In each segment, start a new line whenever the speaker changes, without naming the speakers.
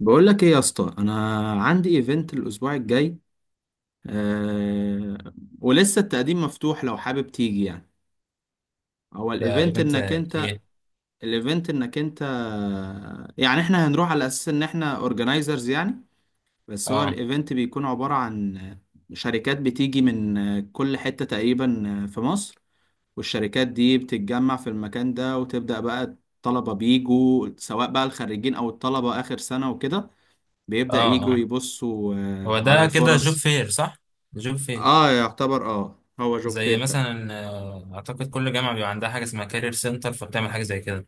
بقول لك ايه يا اسطى؟ انا عندي ايفنت الاسبوع الجاي. أه ولسه التقديم مفتوح لو حابب تيجي يعني. هو
ده
الايفنت
ايفنت
انك انت
ايه؟
الايفنت انك انت، يعني احنا هنروح على اساس ان احنا اورجنايزرز يعني. بس هو
اه
الايفنت بيكون عبارة عن شركات بتيجي من كل حتة تقريبا في مصر، والشركات دي بتتجمع في المكان ده وتبدأ بقى. الطلبة بيجوا، سواء بقى الخريجين او الطلبة اخر سنة وكده، بيبدأ
اه
يجوا
اه
يبصوا
هو
على
ده كده جوب
الفرص.
فير، صح؟ جوب فير.
اه يعتبر، هو جوب
زي
فير فعلا.
مثلا اعتقد كل جامعه بيبقى عندها حاجه اسمها كارير سنتر، فبتعمل حاجه زي كده.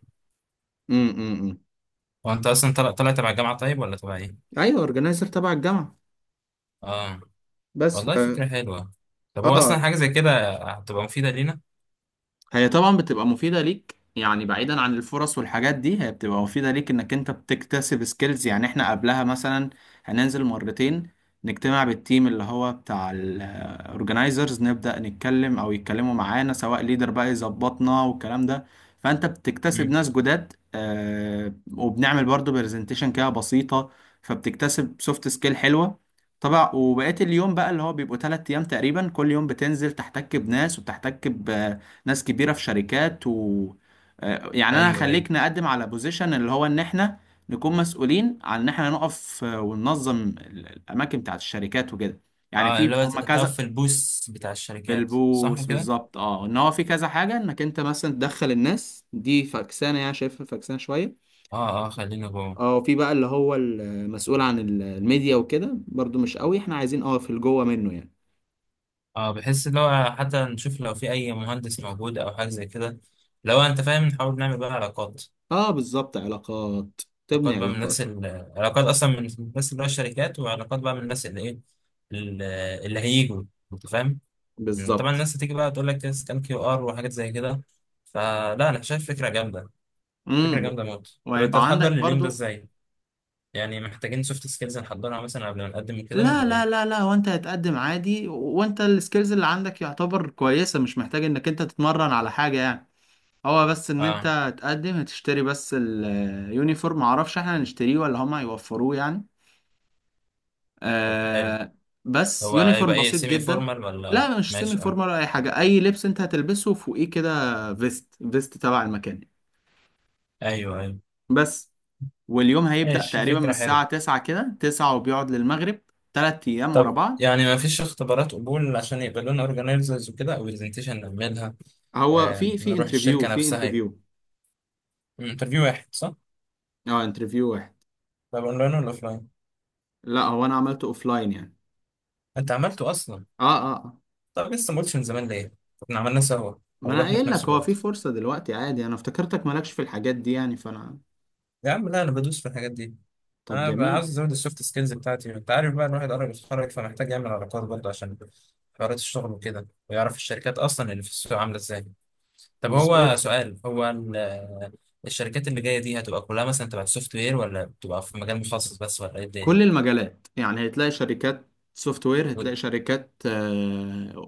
امم.
هو انت اصلا طلع تبع الجامعه طيب ولا تبع ايه؟
ايوه، اورجنايزر تبع الجامعة.
اه،
بس
والله فكره حلوه. طب هو اصلا
اه.
حاجه زي كده هتبقى مفيده لينا؟
هي طبعا بتبقى مفيدة ليك، يعني بعيدا عن الفرص والحاجات دي، هي بتبقى مفيدة ليك انك انت بتكتسب سكيلز. يعني احنا قبلها مثلا هننزل مرتين، نجتمع بالتيم اللي هو بتاع الاورجنايزرز، نبدأ نتكلم او يتكلموا معانا، سواء ليدر بقى يظبطنا والكلام ده. فانت بتكتسب
مم.
ناس جداد، وبنعمل برضو برزنتيشن كده بسيطة، فبتكتسب سوفت سكيل حلوة طبعا. وبقيت اليوم بقى، اللي هو بيبقوا 3 أيام تقريبا، كل يوم بتنزل تحتك بناس، وبتحتك ناس كبيرة في شركات، و يعني انا
ايوه ايوه.
هخليك نقدم على بوزيشن اللي هو ان احنا نكون مسؤولين عن ان احنا نقف، وننظم الاماكن بتاعت الشركات وكده، يعني
اه،
في
اللي هو
هم كذا.
تقف في البوس بتاع الشركات، صح
بالبوس
كده؟
بالظبط، ان هو في كذا حاجة، انك انت مثلا تدخل الناس دي فكسانة، يعني شايفها فكسانة شوية.
اه اه، خلينا جوه.
اه، وفي بقى اللي هو المسؤول عن الميديا وكده، برضو مش قوي، احنا عايزين في الجوه منه يعني.
اه، بحس اللي هو حتى نشوف لو في اي مهندس موجود او حاجه زي كده، لو انت فاهم نحاول نعمل بقى علاقات.
اه بالظبط، علاقات. تبني
علاقات بقى من الناس
علاقات.
علاقات اصلا من الناس اللي هو الشركات، وعلاقات بقى من الناس اللي ايه، ال- اللي هيجوا، انت فاهم. طبعا
بالظبط.
الناس هتيجي بقى تقول لك سكان كيو ار وحاجات زي كده. فلا، انا شايف فكره جامده. فكره
امم.
جامده موت. طب انت
ويبقى
هتحضر
عندك
لليوم ده
برضو.
ازاي؟ يعني محتاجين سوفت سكيلز نحضرها مثلا قبل ما نقدم كده
لا
ولا
لا
ايه؟
لا لا، وانت هتقدم عادي، وانت السكيلز اللي عندك يعتبر كويسة، مش محتاج انك انت تتمرن على حاجة يعني. هو بس ان انت
اه،
هتقدم، هتشتري بس اليونيفورم، معرفش احنا هنشتريه ولا هما هيوفروه يعني.
طب حلو.
آه بس
هو
يونيفورم
هيبقى ايه،
بسيط
سيمي
جدا.
فورمال ولا
لا مش سيمي
ماشي؟ اه
فورمال ولا اي حاجة، اي لبس انت هتلبسه فوقيه كده، فيست، فيست تبع المكان
ايوه ايوه.
بس. واليوم هيبدأ
ماشي،
تقريبا من
فكره
الساعة
حلوه.
9 كده، 9، وبيقعد للمغرب. 3 ايام ورا
طب
بعض.
يعني ما فيش اختبارات قبول عشان يبقى لنا اورجانيزرز وكده، او برزنتيشن نعملها؟
هو في في
نروح
انترفيو
الشركة
في
نفسها يبقى.
انترفيو
انترفيو واحد، صح؟
اه، انترفيو واحد.
طب اونلاين ولا اوفلاين؟
لا هو انا عملته اوفلاين يعني.
انت عملته اصلا؟
اه اه آه.
طب لسه ما قلتش من زمان ليه؟ احنا عملناه سوا،
ما
او
انا
رحنا في
قايل
نفس
لك هو في
الوقت.
فرصة دلوقتي عادي، انا افتكرتك مالكش في الحاجات دي يعني، فانا.
يا عم لا، انا بدوس في الحاجات دي.
طب
انا بقى عاوز
جميل.
ازود السوفت سكيلز بتاعتي، انت عارف بقى الواحد قرب يتخرج، فمحتاج يعمل علاقات برضه عشان حوارات الشغل وكده، ويعرف الشركات اصلا اللي في السوق عامله ازاي. طب هو
مظبوط.
سؤال، هو الشركات اللي جايه دي هتبقى كلها مثلا تبع السوفت وير، ولا بتبقى في مجال مخصص بس، ولا ايه الدنيا؟
كل المجالات، يعني هتلاقي شركات سوفت وير،
و-
هتلاقي شركات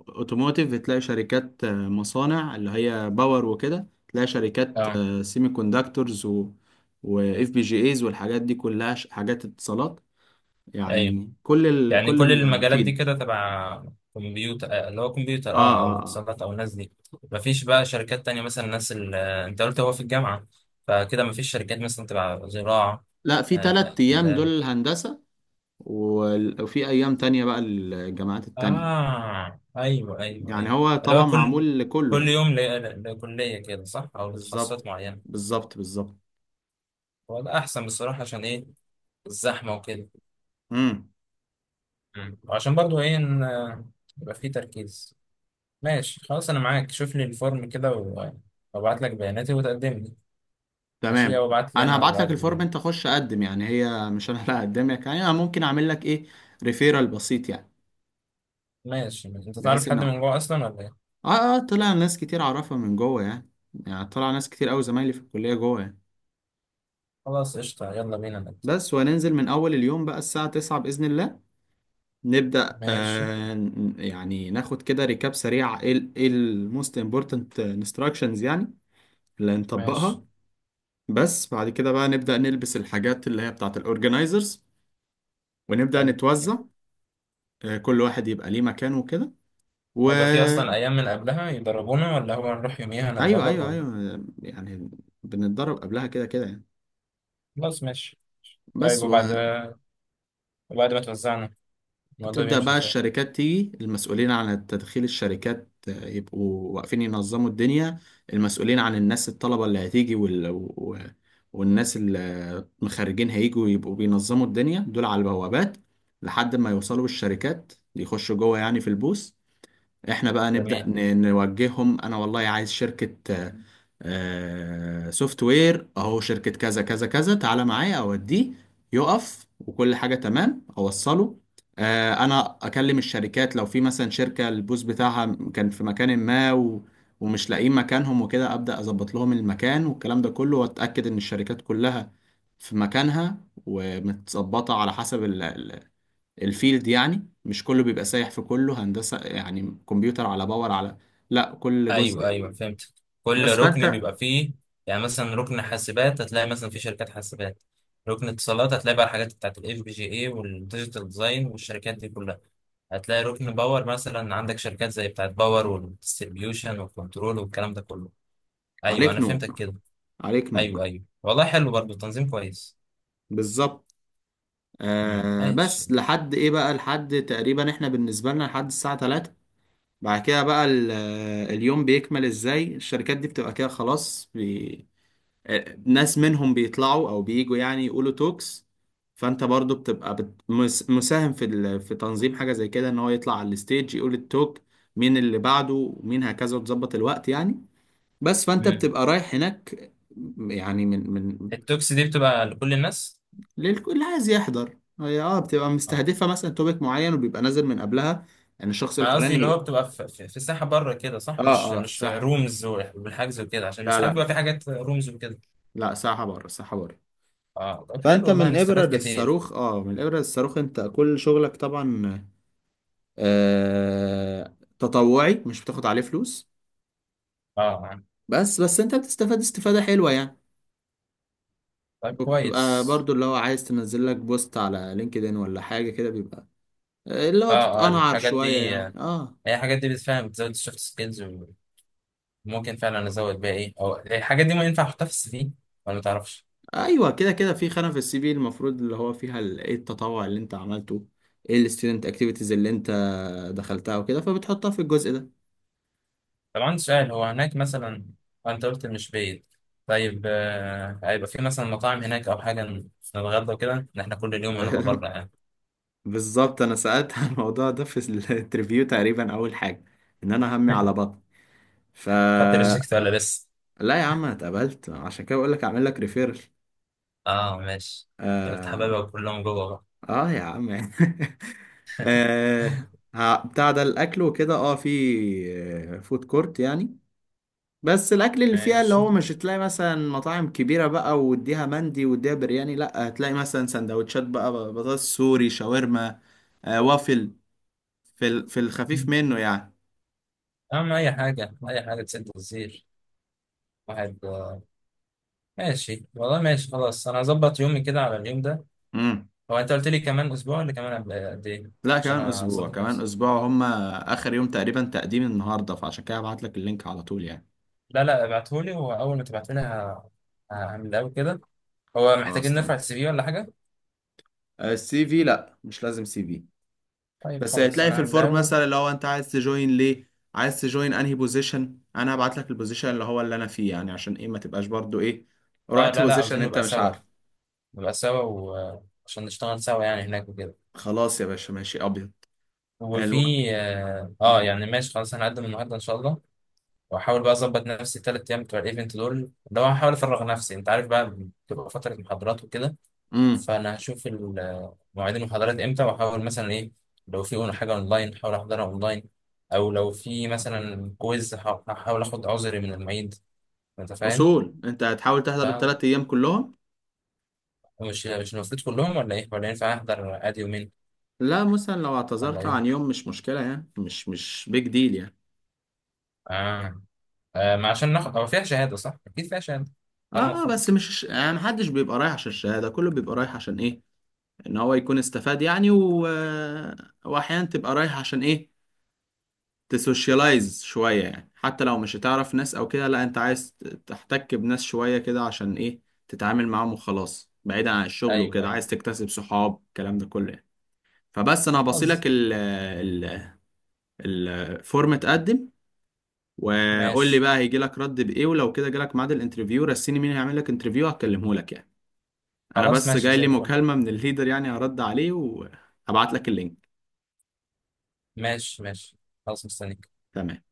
اوتوموتيف، هتلاقي شركات مصانع اللي هي باور وكده، هتلاقي شركات
اه
سيمي كوندكتورز، و واف بي جي ايز، والحاجات دي كلها حاجات اتصالات.
ايوه.
يعني
يعني كل
كل
المجالات دي
الفيلد.
كده تبع كمبيوتر، اللي هو كمبيوتر،
اه
اه، او
اه آه.
اتصالات، او الناس دي. مفيش بقى شركات تانية مثلا، الناس اللي انت قلت هو في الجامعة، فكده مفيش شركات مثلا تبع زراعة،
لا، في تلات أيام دول
آداب.
الهندسة، وفي أيام تانية بقى الجامعات التانية.
اه ايوه ايوه
يعني
ايوه.
هو
اللي
طبعا
هو كل،
معمول لكله
كل
يعني.
يوم لكلية كده، صح؟ او
بالظبط
لتخصصات معينة.
بالظبط بالظبط.
هو ده احسن بصراحة، عشان ايه، الزحمة وكده.
امم.
مم. وعشان برضو ايه، ان يبقى في تركيز. ماشي خلاص، انا معاك. شوف لي الفورم كده وابعت لك بياناتي وتقدمني. ماشي،
تمام.
وابعت لي
أنا
انا
هبعت لك
بقدم
الفورم،
يعني؟
أنت خش أقدم يعني، هي مش أنا اللي هقدمك يعني، أنا ممكن أعمل لك إيه، ريفيرال بسيط يعني.
ماشي. انت
بحيث
تعرف
إن
حد من جوه اصلا ولا ايه؟
طلع ناس كتير أعرفها من جوه يعني، يعني طلع ناس كتير أوي زمايلي في الكلية جوه يعني.
خلاص قشطة، يلا بينا نبدأ.
بس وهننزل من أول اليوم بقى الساعة 9 بإذن الله. نبدأ
ماشي
يعني ناخد كده ريكاب سريع، ايه ال ايه الموست امبورتنت انستراكشنز يعني، اللي
ماشي.
هنطبقها. بس بعد كده بقى نبدأ نلبس الحاجات اللي هي بتاعت الاورجنايزرز، ونبدأ
حلو.
نتوزع. كل واحد يبقى ليه مكانه وكده، و
هيبقى في اصلا ايام من قبلها يدربونا، ولا هو نروح يوميها
ايوه
نتدرب،
ايوه
ولا؟
ايوه يعني، بنتدرب قبلها كده كده يعني.
خلاص ماشي. طيب،
بس
وبعد، وبعد ما توزعنا الموضوع
بتبدأ
بيمشي
بقى
ازاي؟
الشركات تيجي، المسؤولين عن تدخيل الشركات يبقوا واقفين ينظموا الدنيا، المسؤولين عن الناس الطلبة اللي هتيجي والناس المخرجين هيجوا، يبقوا بينظموا الدنيا دول على البوابات لحد ما يوصلوا الشركات، يخشوا جوه يعني في البوث. احنا بقى نبدأ
جميل.
نوجههم، انا والله عايز شركة سوفت وير، اهو شركة كذا كذا كذا، تعالى معايا اوديه، يقف وكل حاجة تمام، اوصله. آه، انا اكلم الشركات لو في مثلا شركة البوز بتاعها كان في مكان ما، ومش لاقيين مكانهم وكده، ابدا اظبط لهم المكان والكلام ده كله، واتاكد ان الشركات كلها في مكانها ومتظبطة على حسب الفيلد يعني. مش كله بيبقى سايح في كله، هندسة يعني كمبيوتر على باور على، لا كل
ايوه
جزء.
ايوه فهمت. كل
بس
ركن
فانت.
بيبقى فيه. يعني مثلا ركن حاسبات هتلاقي مثلا في شركات حاسبات. ركن اتصالات هتلاقي بقى الحاجات بتاعت الاف بي جي اي والديجيتال ديزاين والشركات دي كلها. هتلاقي ركن باور مثلا عندك شركات زي بتاعت باور والديستريبيوشن والكنترول والكلام ده كله. ايوه انا
عليك نور،
فهمتك كده.
عليك
ايوه
نور.
ايوه، والله حلو برضه، تنظيم كويس.
بالظبط.
ماشي.
بس لحد ايه بقى، لحد تقريبا احنا بالنسبة لنا لحد الساعة 3. بعد كده بقى اليوم بيكمل ازاي، الشركات دي بتبقى كده خلاص ناس منهم بيطلعوا او بييجوا يعني، يقولوا توكس. فانت برضو بتبقى مساهم في في تنظيم حاجة زي كده، ان هو يطلع على الستيج يقول التوك، مين اللي بعده ومين هكذا، وتظبط الوقت يعني. بس فانت
امم.
بتبقى رايح هناك يعني. من
التوكس دي بتبقى لكل الناس؟
للكل عايز يحضر، هي بتبقى
اه،
مستهدفة مثلا توبيك معين، وبيبقى نازل من قبلها، يعني الشخص
انا قصدي اللي هو
الفلاني.
بتبقى في الساحه بره كده، صح؟
اه
مش
اه، في
مش
ساحة.
رومز والحجز وكده، عشان
لا
ساعات بيبقى
لا،
في حاجات رومز وكده.
لا ساحة بره، ساحة بره.
اه طب حلو،
فانت
والله
من ابرة
هنستفاد كتير.
للصاروخ، من الابرة للصاروخ، انت كل شغلك طبعا تطوعي، مش بتاخد عليه فلوس،
اه يعني.
بس بس انت بتستفاد استفادة حلوة يعني.
طيب
وبتبقى
كويس.
برضو اللي هو، عايز تنزل لك بوست على لينكدين ولا حاجة كده، بيبقى اللي هو
اه اه،
تتقنعر
الحاجات
شوية
دي
يعني، اه.
هي الحاجات دي بتفهم، بتزود السوفت سكيلز. وممكن فعلا ازود بيها ايه، او الحاجات دي ما ينفع احطها في السي في ولا ما تعرفش؟
ايوه كده كده، في خانه في السي في المفروض اللي هو فيها ايه التطوع اللي انت عملته، ايه الستودنت اكتيفيتيز اللي انت دخلتها وكده، فبتحطها في الجزء ده.
طب عندي سؤال، هو هناك مثلا انت قلت مش بعيد، طيب هيبقى في مثلا مطاعم هناك او حاجه نتغدى وكده، إن احنا كل يوم هنبقى بره يعني.
بالظبط، انا سالت عن الموضوع ده في الانترفيو تقريبا اول حاجه، ان انا همي على بطن. ف
خدت ريجكت ولا لسه؟
لا يا عم انا اتقبلت، عشان كده بقول لك اعمل لك ريفيرل.
اه ماشي. انت قلت
آه...
حبايبك كلهم جوه بقى.
اه يا عم. آه... بتاع ده الاكل وكده، اه في فود كورت يعني، بس الاكل اللي فيها اللي
ماشي.
هو مش هتلاقي مثلا مطاعم كبيره بقى، واديها مندي واديها برياني، لا هتلاقي مثلا سندوتشات بقى، بطاطس سوري، شاورما، وافل، في في الخفيف منه يعني.
اهم اي حاجه، اي حاجه تسد الزير. واحد ماشي والله، ماشي خلاص، انا هظبط يومي كده على اليوم ده.
امم.
هو انت قلت لي كمان اسبوع ولا كمان، قبل قد ايه؟
لا
عشان
كمان اسبوع،
اظبط
كمان
نفسي.
اسبوع، هم اخر يوم تقريبا تقديم النهارده، فعشان كده هبعت لك اللينك على طول يعني.
لا لا، ابعتهولي، واول ما تبعتهولي هعمل له كده. هو
خلاص
محتاجين نرفع
تمام.
السي في ولا حاجه؟
السي في لا، مش لازم سي في.
طيب
بس
خلاص
هتلاقي
انا
في
هعمل
الفورم
له.
مثلا لو انت عايز تجوين ليه، عايز تجوين انهي بوزيشن، انا هبعت لك البوزيشن اللي هو اللي انا فيه، يعني عشان ايه ما تبقاش برضو ايه،
اه
رحت
لا لا،
بوزيشن
عاوزين
انت
نبقى
مش
سوا،
عارف.
نبقى سوا وعشان نشتغل سوا يعني هناك وكده.
خلاص يا باشا، ماشي ابيض.
وفي
الم...
اه
مم.
يعني ماشي خلاص، هنقدم النهارده ان شاء الله. واحاول بقى اظبط نفسي الثلاث ايام بتوع الايفنت دول، ده هو هحاول افرغ نفسي، انت عارف بقى بتبقى فتره محاضرات وكده.
مم.
فانا هشوف مواعيد المحاضرات امتى، واحاول مثلا ايه، لو في حاجه اونلاين احاول احضرها اونلاين، او لو في مثلا كويز هحاول اخد عذري من المعيد، انت فاهم.
اصول انت هتحاول تحضر
فمش
الثلاث ايام كلهم.
مش المفروض كلهم، ولا ايه؟ ولا ينفع احضر ادي يومين،
لا، مثلا لو
ولا
اعتذرت
يوم؟
عن يوم مش مشكلة يعني، مش بيج ديل يعني.
اه، ما عشان ناخد، هو فيها شهاده صح؟ اكيد فيها شهاده، على ما
اه بس
نخلص.
مش يعني محدش بيبقى رايح عشان الشهادة، كله بيبقى رايح عشان ايه، ان هو يكون استفاد يعني، واحيانا تبقى رايح عشان ايه، تسوشيالايز شوية يعني، حتى لو مش هتعرف ناس أو كده، لا أنت عايز تحتك بناس شوية كده عشان إيه، تتعامل معاهم وخلاص، بعيدا عن الشغل
ايوه
وكده،
ايوه.
عايز تكتسب صحاب، الكلام ده كله يعني. فبس أنا هبصيلك
خلاص
ال ال الفورم، اتقدم، وقول لي
ماشي.
بقى هيجي لك رد بإيه، ولو كده جالك ميعاد الانترفيو رسيني، مين هيعمل لك انترفيو هكلمه لك يعني. أنا
خلاص
بس
ماشي
جاي
زي
لي
الفل.
مكالمة من الليدر يعني، هرد عليه وهبعت لك اللينك.
ماشي ماشي. خلاص مستني.
تمام.